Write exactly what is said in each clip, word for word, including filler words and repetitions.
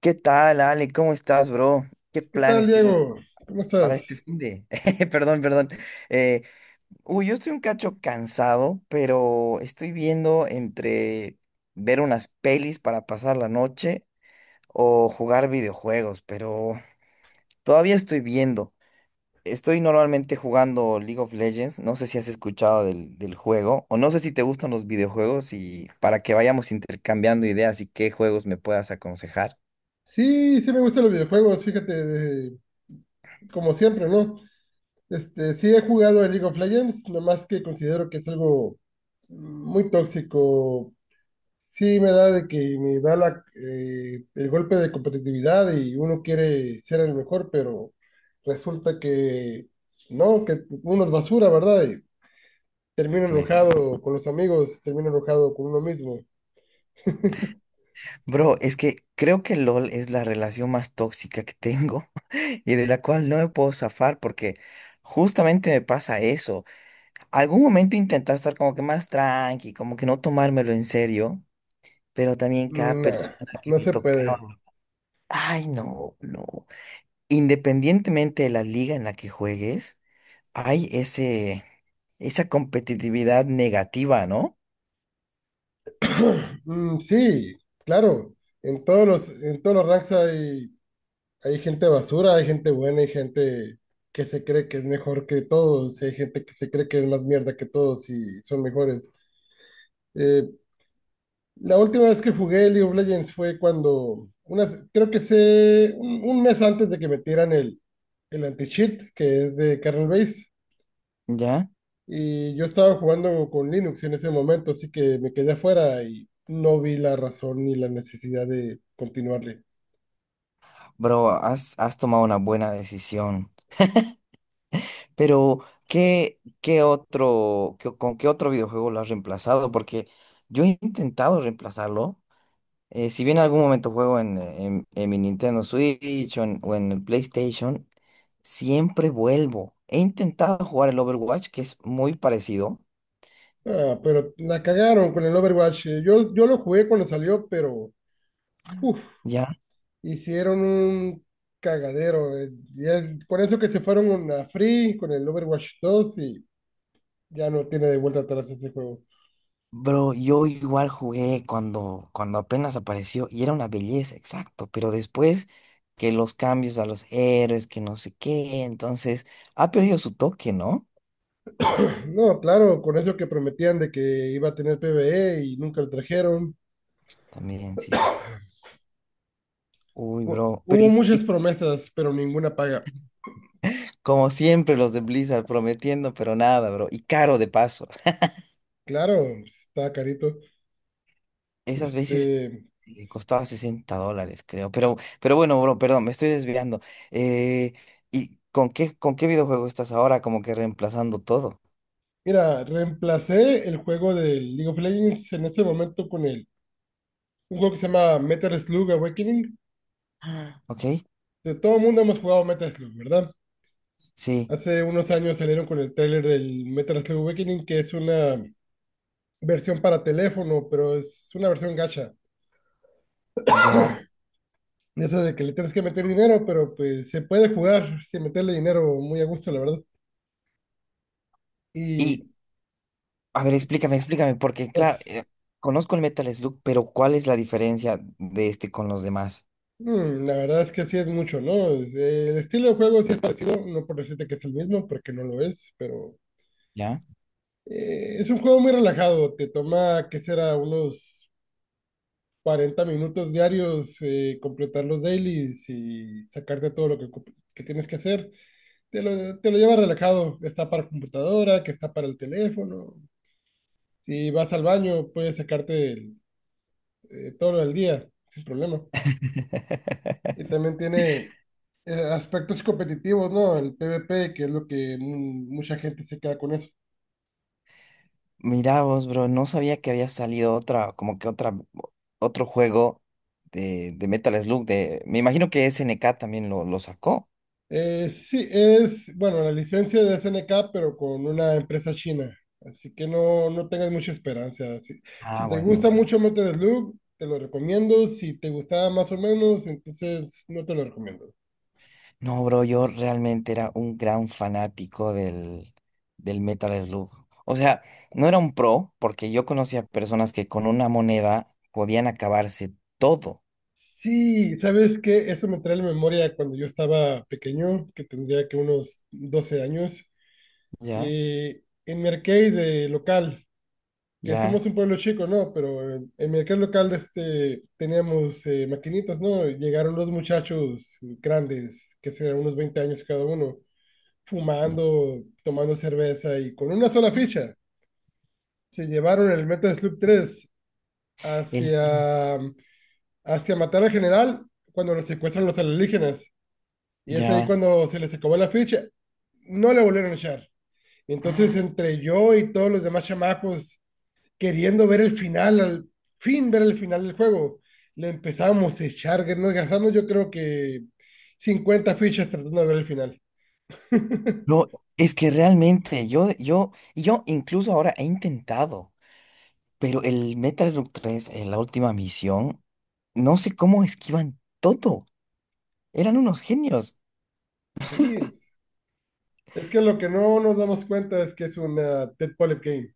¿Qué tal, Ale? ¿Cómo estás, bro? ¿Qué ¿Qué tal, planes tienes Diego? ¿Cómo estás? para este fin de? Perdón, perdón. Eh, uy, yo estoy un cacho cansado, pero estoy viendo entre ver unas pelis para pasar la noche o jugar videojuegos, pero todavía estoy viendo. Estoy normalmente jugando League of Legends. No sé si has escuchado del, del juego o no sé si te gustan los videojuegos y para que vayamos intercambiando ideas y qué juegos me puedas aconsejar. Sí, sí me gustan los videojuegos, fíjate, de- como siempre, ¿no? Este, sí he jugado a League of Legends, nomás que considero que es algo muy tóxico. Sí me da de que me da la, eh, el golpe de competitividad y uno quiere ser el mejor, pero resulta que no, que uno es basura, ¿verdad? Y termino Sí. enojado con los amigos, termino enojado con uno mismo. Bro, es que creo que L O L es la relación más tóxica que tengo y de la cual no me puedo zafar porque justamente me pasa eso. Algún momento intenté estar como que más tranqui, como que no tomármelo en serio, pero también cada Nah, persona que no me se tocaba, puede. ay no, no. Independientemente de la liga en la que juegues, hay ese, esa competitividad negativa, ¿no? Mm, sí, claro. En todos los, en todos los ranks hay, hay gente basura, hay gente buena, hay gente que se cree que es mejor que todos, y hay gente que se cree que es más mierda que todos y son mejores. Eh, la última vez que jugué League of Legends fue cuando, unas, creo que sé, un, un mes antes de que metieran el, el anti-cheat, que es de kernel base, ¿Ya? y yo estaba jugando con Linux en ese momento, así que me quedé afuera y no vi la razón ni la necesidad de continuarle. Bro, has, has tomado una buena decisión. Pero, ¿qué, qué otro, qué- ¿con qué otro videojuego lo has reemplazado? Porque yo he intentado reemplazarlo. Eh, si bien en algún momento juego en, en- en mi Nintendo Switch o en, o en el PlayStation, siempre vuelvo. He intentado jugar el Overwatch, que es muy parecido. Ah, pero la cagaron con el Overwatch. Eh, Yo, yo lo jugué cuando salió, pero uf, ¿Ya? hicieron un cagadero. Eh, ya- con eso que se fueron a Free con el Overwatch dos y ya no tiene de vuelta atrás ese juego. Bro, yo igual jugué cuando, cuando apenas apareció y era una belleza, exacto. Pero después que los cambios a los héroes, que no sé qué, entonces ha perdido su toque, ¿no? No, claro, con eso que prometían de que iba a tener PvE y nunca lo trajeron. También, cierto. Uy, Hu- bro. Pero Hubo y, muchas y promesas, pero ninguna paga. Como siempre, los de Blizzard prometiendo, pero nada, bro. Y caro de paso. Claro, está carito. Esas veces Este, eh, costaba sesenta dólares, creo. Pero, pero bueno, bro, perdón, me estoy desviando. Eh, ¿Y con qué, con qué videojuego estás ahora? Como que reemplazando todo. mira, reemplacé el juego del League of Legends en ese momento con el un juego que se llama Metal Slug Awakening. Ah, ¿ok? De todo el mundo hemos jugado Metal Slug, ¿verdad? Sí, Hace unos años salieron con el tráiler del Metal Slug Awakening, que es una versión para teléfono, pero es una versión gacha. ya. De esa de que le tienes que meter dinero, pero pues se puede jugar sin meterle dinero muy a gusto, la verdad. Y Y, a ver, explícame, explícame, porque, claro, pues eh, conozco el Metal Slug, pero ¿cuál es la diferencia de este con los demás? mm, la verdad es que sí es mucho, ¿no? Es- eh, El estilo de juego sí es parecido, no por decirte que es el mismo, porque no lo es, pero ¿Ya? eh, es un juego muy relajado. Te toma, ¿qué será? Unos cuarenta minutos diarios, eh, completar los dailies y sacarte todo lo que, ocup- que tienes que hacer. Te lo, te lo llevas relajado, está para computadora, que está para el teléfono. Si vas al baño, puedes sacarte el- eh, todo lo del día, sin problema. Y también tiene eh, aspectos competitivos, ¿no? El PvP, que es lo que mu- mucha gente se queda con eso. Mirá vos, bro, no sabía que había salido otra, como que otra, otro juego de, de Metal Slug, de, me imagino que S N K también lo, lo sacó. Eh, sí, es, bueno, la licencia de S N K, pero con una empresa china. Así que no, no tengas mucha esperanza. Si, si Ah, te bueno, gusta bueno. mucho Metal Slug, te lo recomiendo. Si te gustaba más o menos, entonces no te lo recomiendo. No, bro, yo realmente era un gran fanático del, del Metal Slug. O sea, no era un pro, porque yo conocía personas que con una moneda podían acabarse todo. Sí, ¿sabes qué? Eso me trae a la memoria cuando yo estaba pequeño, que tendría que unos doce años. Ya, eh, En mi arcade eh, local, que ya, somos un pueblo chico, ¿no? Pero en el mercado local este, teníamos eh, maquinitas, ¿no? Y llegaron los muchachos grandes, que serán unos veinte años cada uno, ya. fumando, tomando cerveza y con una sola ficha. Se llevaron el Metal Slug tres El, hacia, hacia matar al general cuando lo secuestran los alienígenas. Y es ahí ya. cuando se les acabó la ficha. No le volvieron a echar. Entonces, Ah, entre yo y todos los demás chamacos, queriendo ver el final, al fin ver el final del juego. Le empezamos a echar, que nos gastamos yo creo que cincuenta fichas tratando de ver el final. no, es que realmente yo, yo, y yo incluso ahora he intentado. Pero el Metal Slug tres en la última misión, no sé cómo esquivan todo. Eran unos genios. Sí, es que lo que no nos damos cuenta es que es una Dead Polyp Game.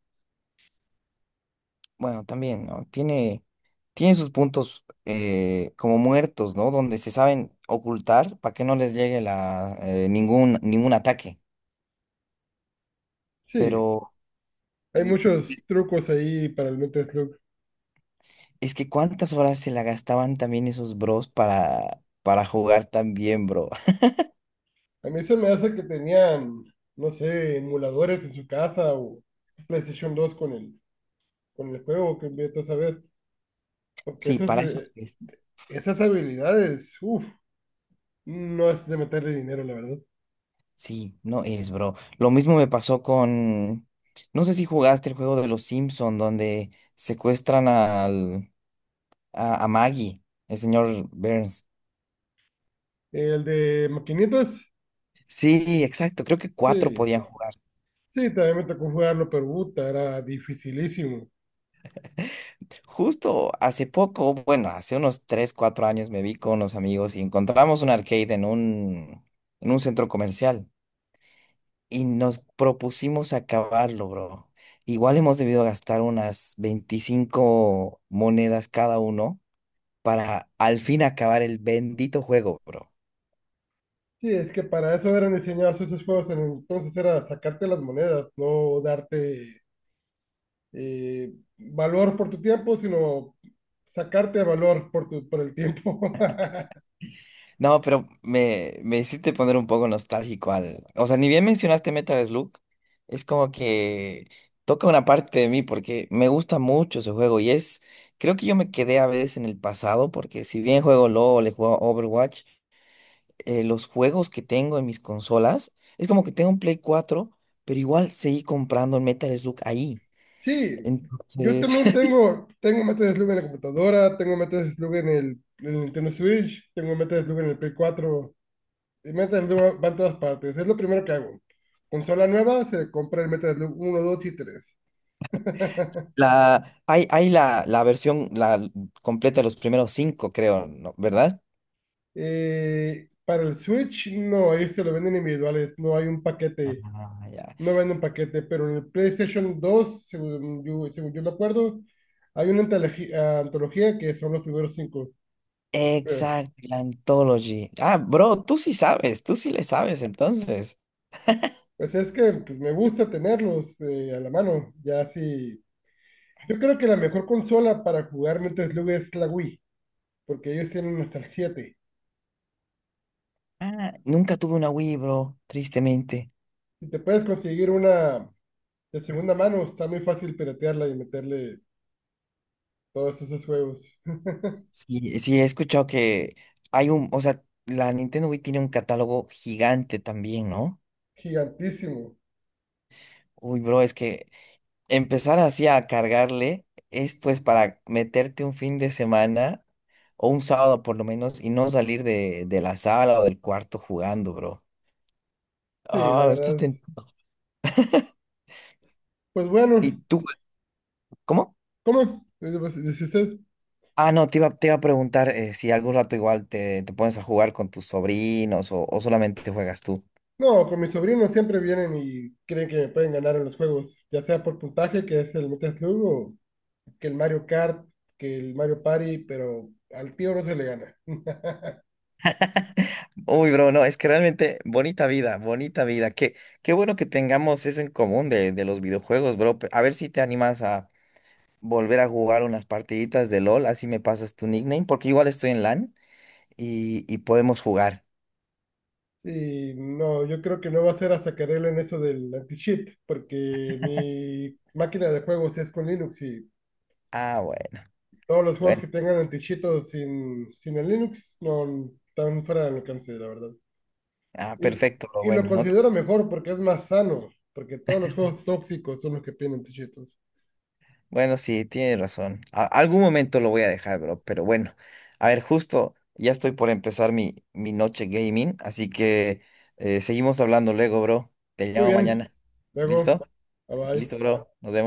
Bueno, también, ¿no? Tiene, tiene sus puntos eh, como muertos, ¿no? Donde se saben ocultar para que no les llegue la, eh, ningún, ningún ataque. Sí, Pero hay eh, muchos trucos ahí para el Metal Slug. es que cuántas horas se la gastaban también esos bros para, para jugar tan bien, bro. A mí se me hace que tenían, no sé, emuladores en su casa o PlayStation dos con el, con el juego que inviertes a ver. Porque Sí, esas, para esas. eh, esas habilidades, uff, no es de meterle dinero, la verdad. Sí, no es, bro. Lo mismo me pasó con, no sé si jugaste el juego de los Simpson donde secuestran al, a, a Maggie, el señor Burns. El de maquinitas, Sí, exacto, creo que cuatro sí. podían jugar. Sí, también me tocó jugarlo, pero puta, era dificilísimo. Justo hace poco, bueno, hace unos tres, cuatro años me vi con unos amigos y encontramos un arcade en un, en un centro comercial y nos propusimos acabarlo, bro. Igual hemos debido gastar unas veinticinco monedas cada uno para al fin acabar el bendito juego, bro. Sí, es que para eso eran diseñados esos juegos en el entonces, era sacarte las monedas, no darte eh, valor por tu tiempo, sino sacarte valor por, tu, por el tiempo. No, pero me, me hiciste poner un poco nostálgico al... O sea, ni bien mencionaste Metal Slug, es como que toca una parte de mí porque me gusta mucho ese juego y es... Creo que yo me quedé a veces en el pasado porque si bien juego L O L, le juego Overwatch, eh, los juegos que tengo en mis consolas, es como que tengo un Play cuatro, pero igual seguí comprando el Metal Slug ahí. Sí, yo Entonces... también tengo, tengo Metal Slug en la computadora, tengo Metal Slug en el, en el Nintendo Switch, tengo Metal Slug en el Play cuatro. El Metal Slug va en todas partes. Es lo primero que hago. Consola nueva, se compra el Metal Slug uno, dos y tres. La, hay hay la, la versión la completa de los primeros cinco, creo, ¿no? ¿Verdad? Eh, para el Switch, no, ellos se lo venden individuales. No hay un paquete. Ah, ya. No venden paquete. Pero en el PlayStation dos, según yo, según yo me acuerdo, hay una antologi- antología que son los primeros cinco. Eh, Exacto, la Anthology. Ah, bro, tú sí sabes, tú sí le sabes, entonces. Pues es que pues, me gusta tenerlos eh, a la mano. Ya sí. Yo creo que la mejor consola para jugar Metal Slug es la Wii, porque ellos tienen hasta el siete. Ah, nunca tuve una Wii, bro, tristemente. Si te puedes conseguir una de segunda mano, está muy fácil piratearla y meterle todos esos juegos. Sí, sí, he escuchado que hay un, o sea, la Nintendo Wii tiene un catálogo gigante también, ¿no? Gigantísimo. Uy, bro, es que empezar así a cargarle es pues para meterte un fin de semana o un sábado por lo menos y no salir de, de la sala o del cuarto jugando, bro. Sí, la Ah, verdad. estás es- tentado. Pues ¿Y bueno, tú? ¿Cómo? ¿cómo? Dice pues, dice usted. Ah, no, te iba, te iba a preguntar eh, si algún rato igual te, te pones a jugar con tus sobrinos o, o solamente juegas tú. No, con mis sobrinos siempre vienen y creen que me pueden ganar en los juegos, ya sea por puntaje, que es el Metal Slug, o que el Mario Kart, que el Mario Party, pero al tío no se le gana. Uy, bro, no, es que realmente bonita vida, bonita vida. Qué, qué bueno que tengamos eso en común de, de los videojuegos, bro. A ver si te animas a volver a jugar unas partiditas de L O L, así me pasas tu nickname, porque igual estoy en L A N y, y podemos jugar. Y no, yo creo que no va a ser hasta que arreglen eso del anti-cheat, porque mi máquina de juegos es con Linux y Ah, bueno, todos los juegos bueno, que tengan antichito sin, sin el Linux no están fuera del alcance, la verdad. ah, Y, perfecto, lo y lo bueno, no, te- considero mejor porque es más sano, porque todos los juegos tóxicos son los que tienen antichitos. bueno, sí, tienes razón. A- algún momento lo voy a dejar, bro, pero bueno, a ver, justo ya estoy por empezar mi, mi noche gaming, así que eh, seguimos hablando luego, bro. Te Muy llamo bien, mañana. luego, ¿Listo? bye bye. Listo, bro. Nos vemos.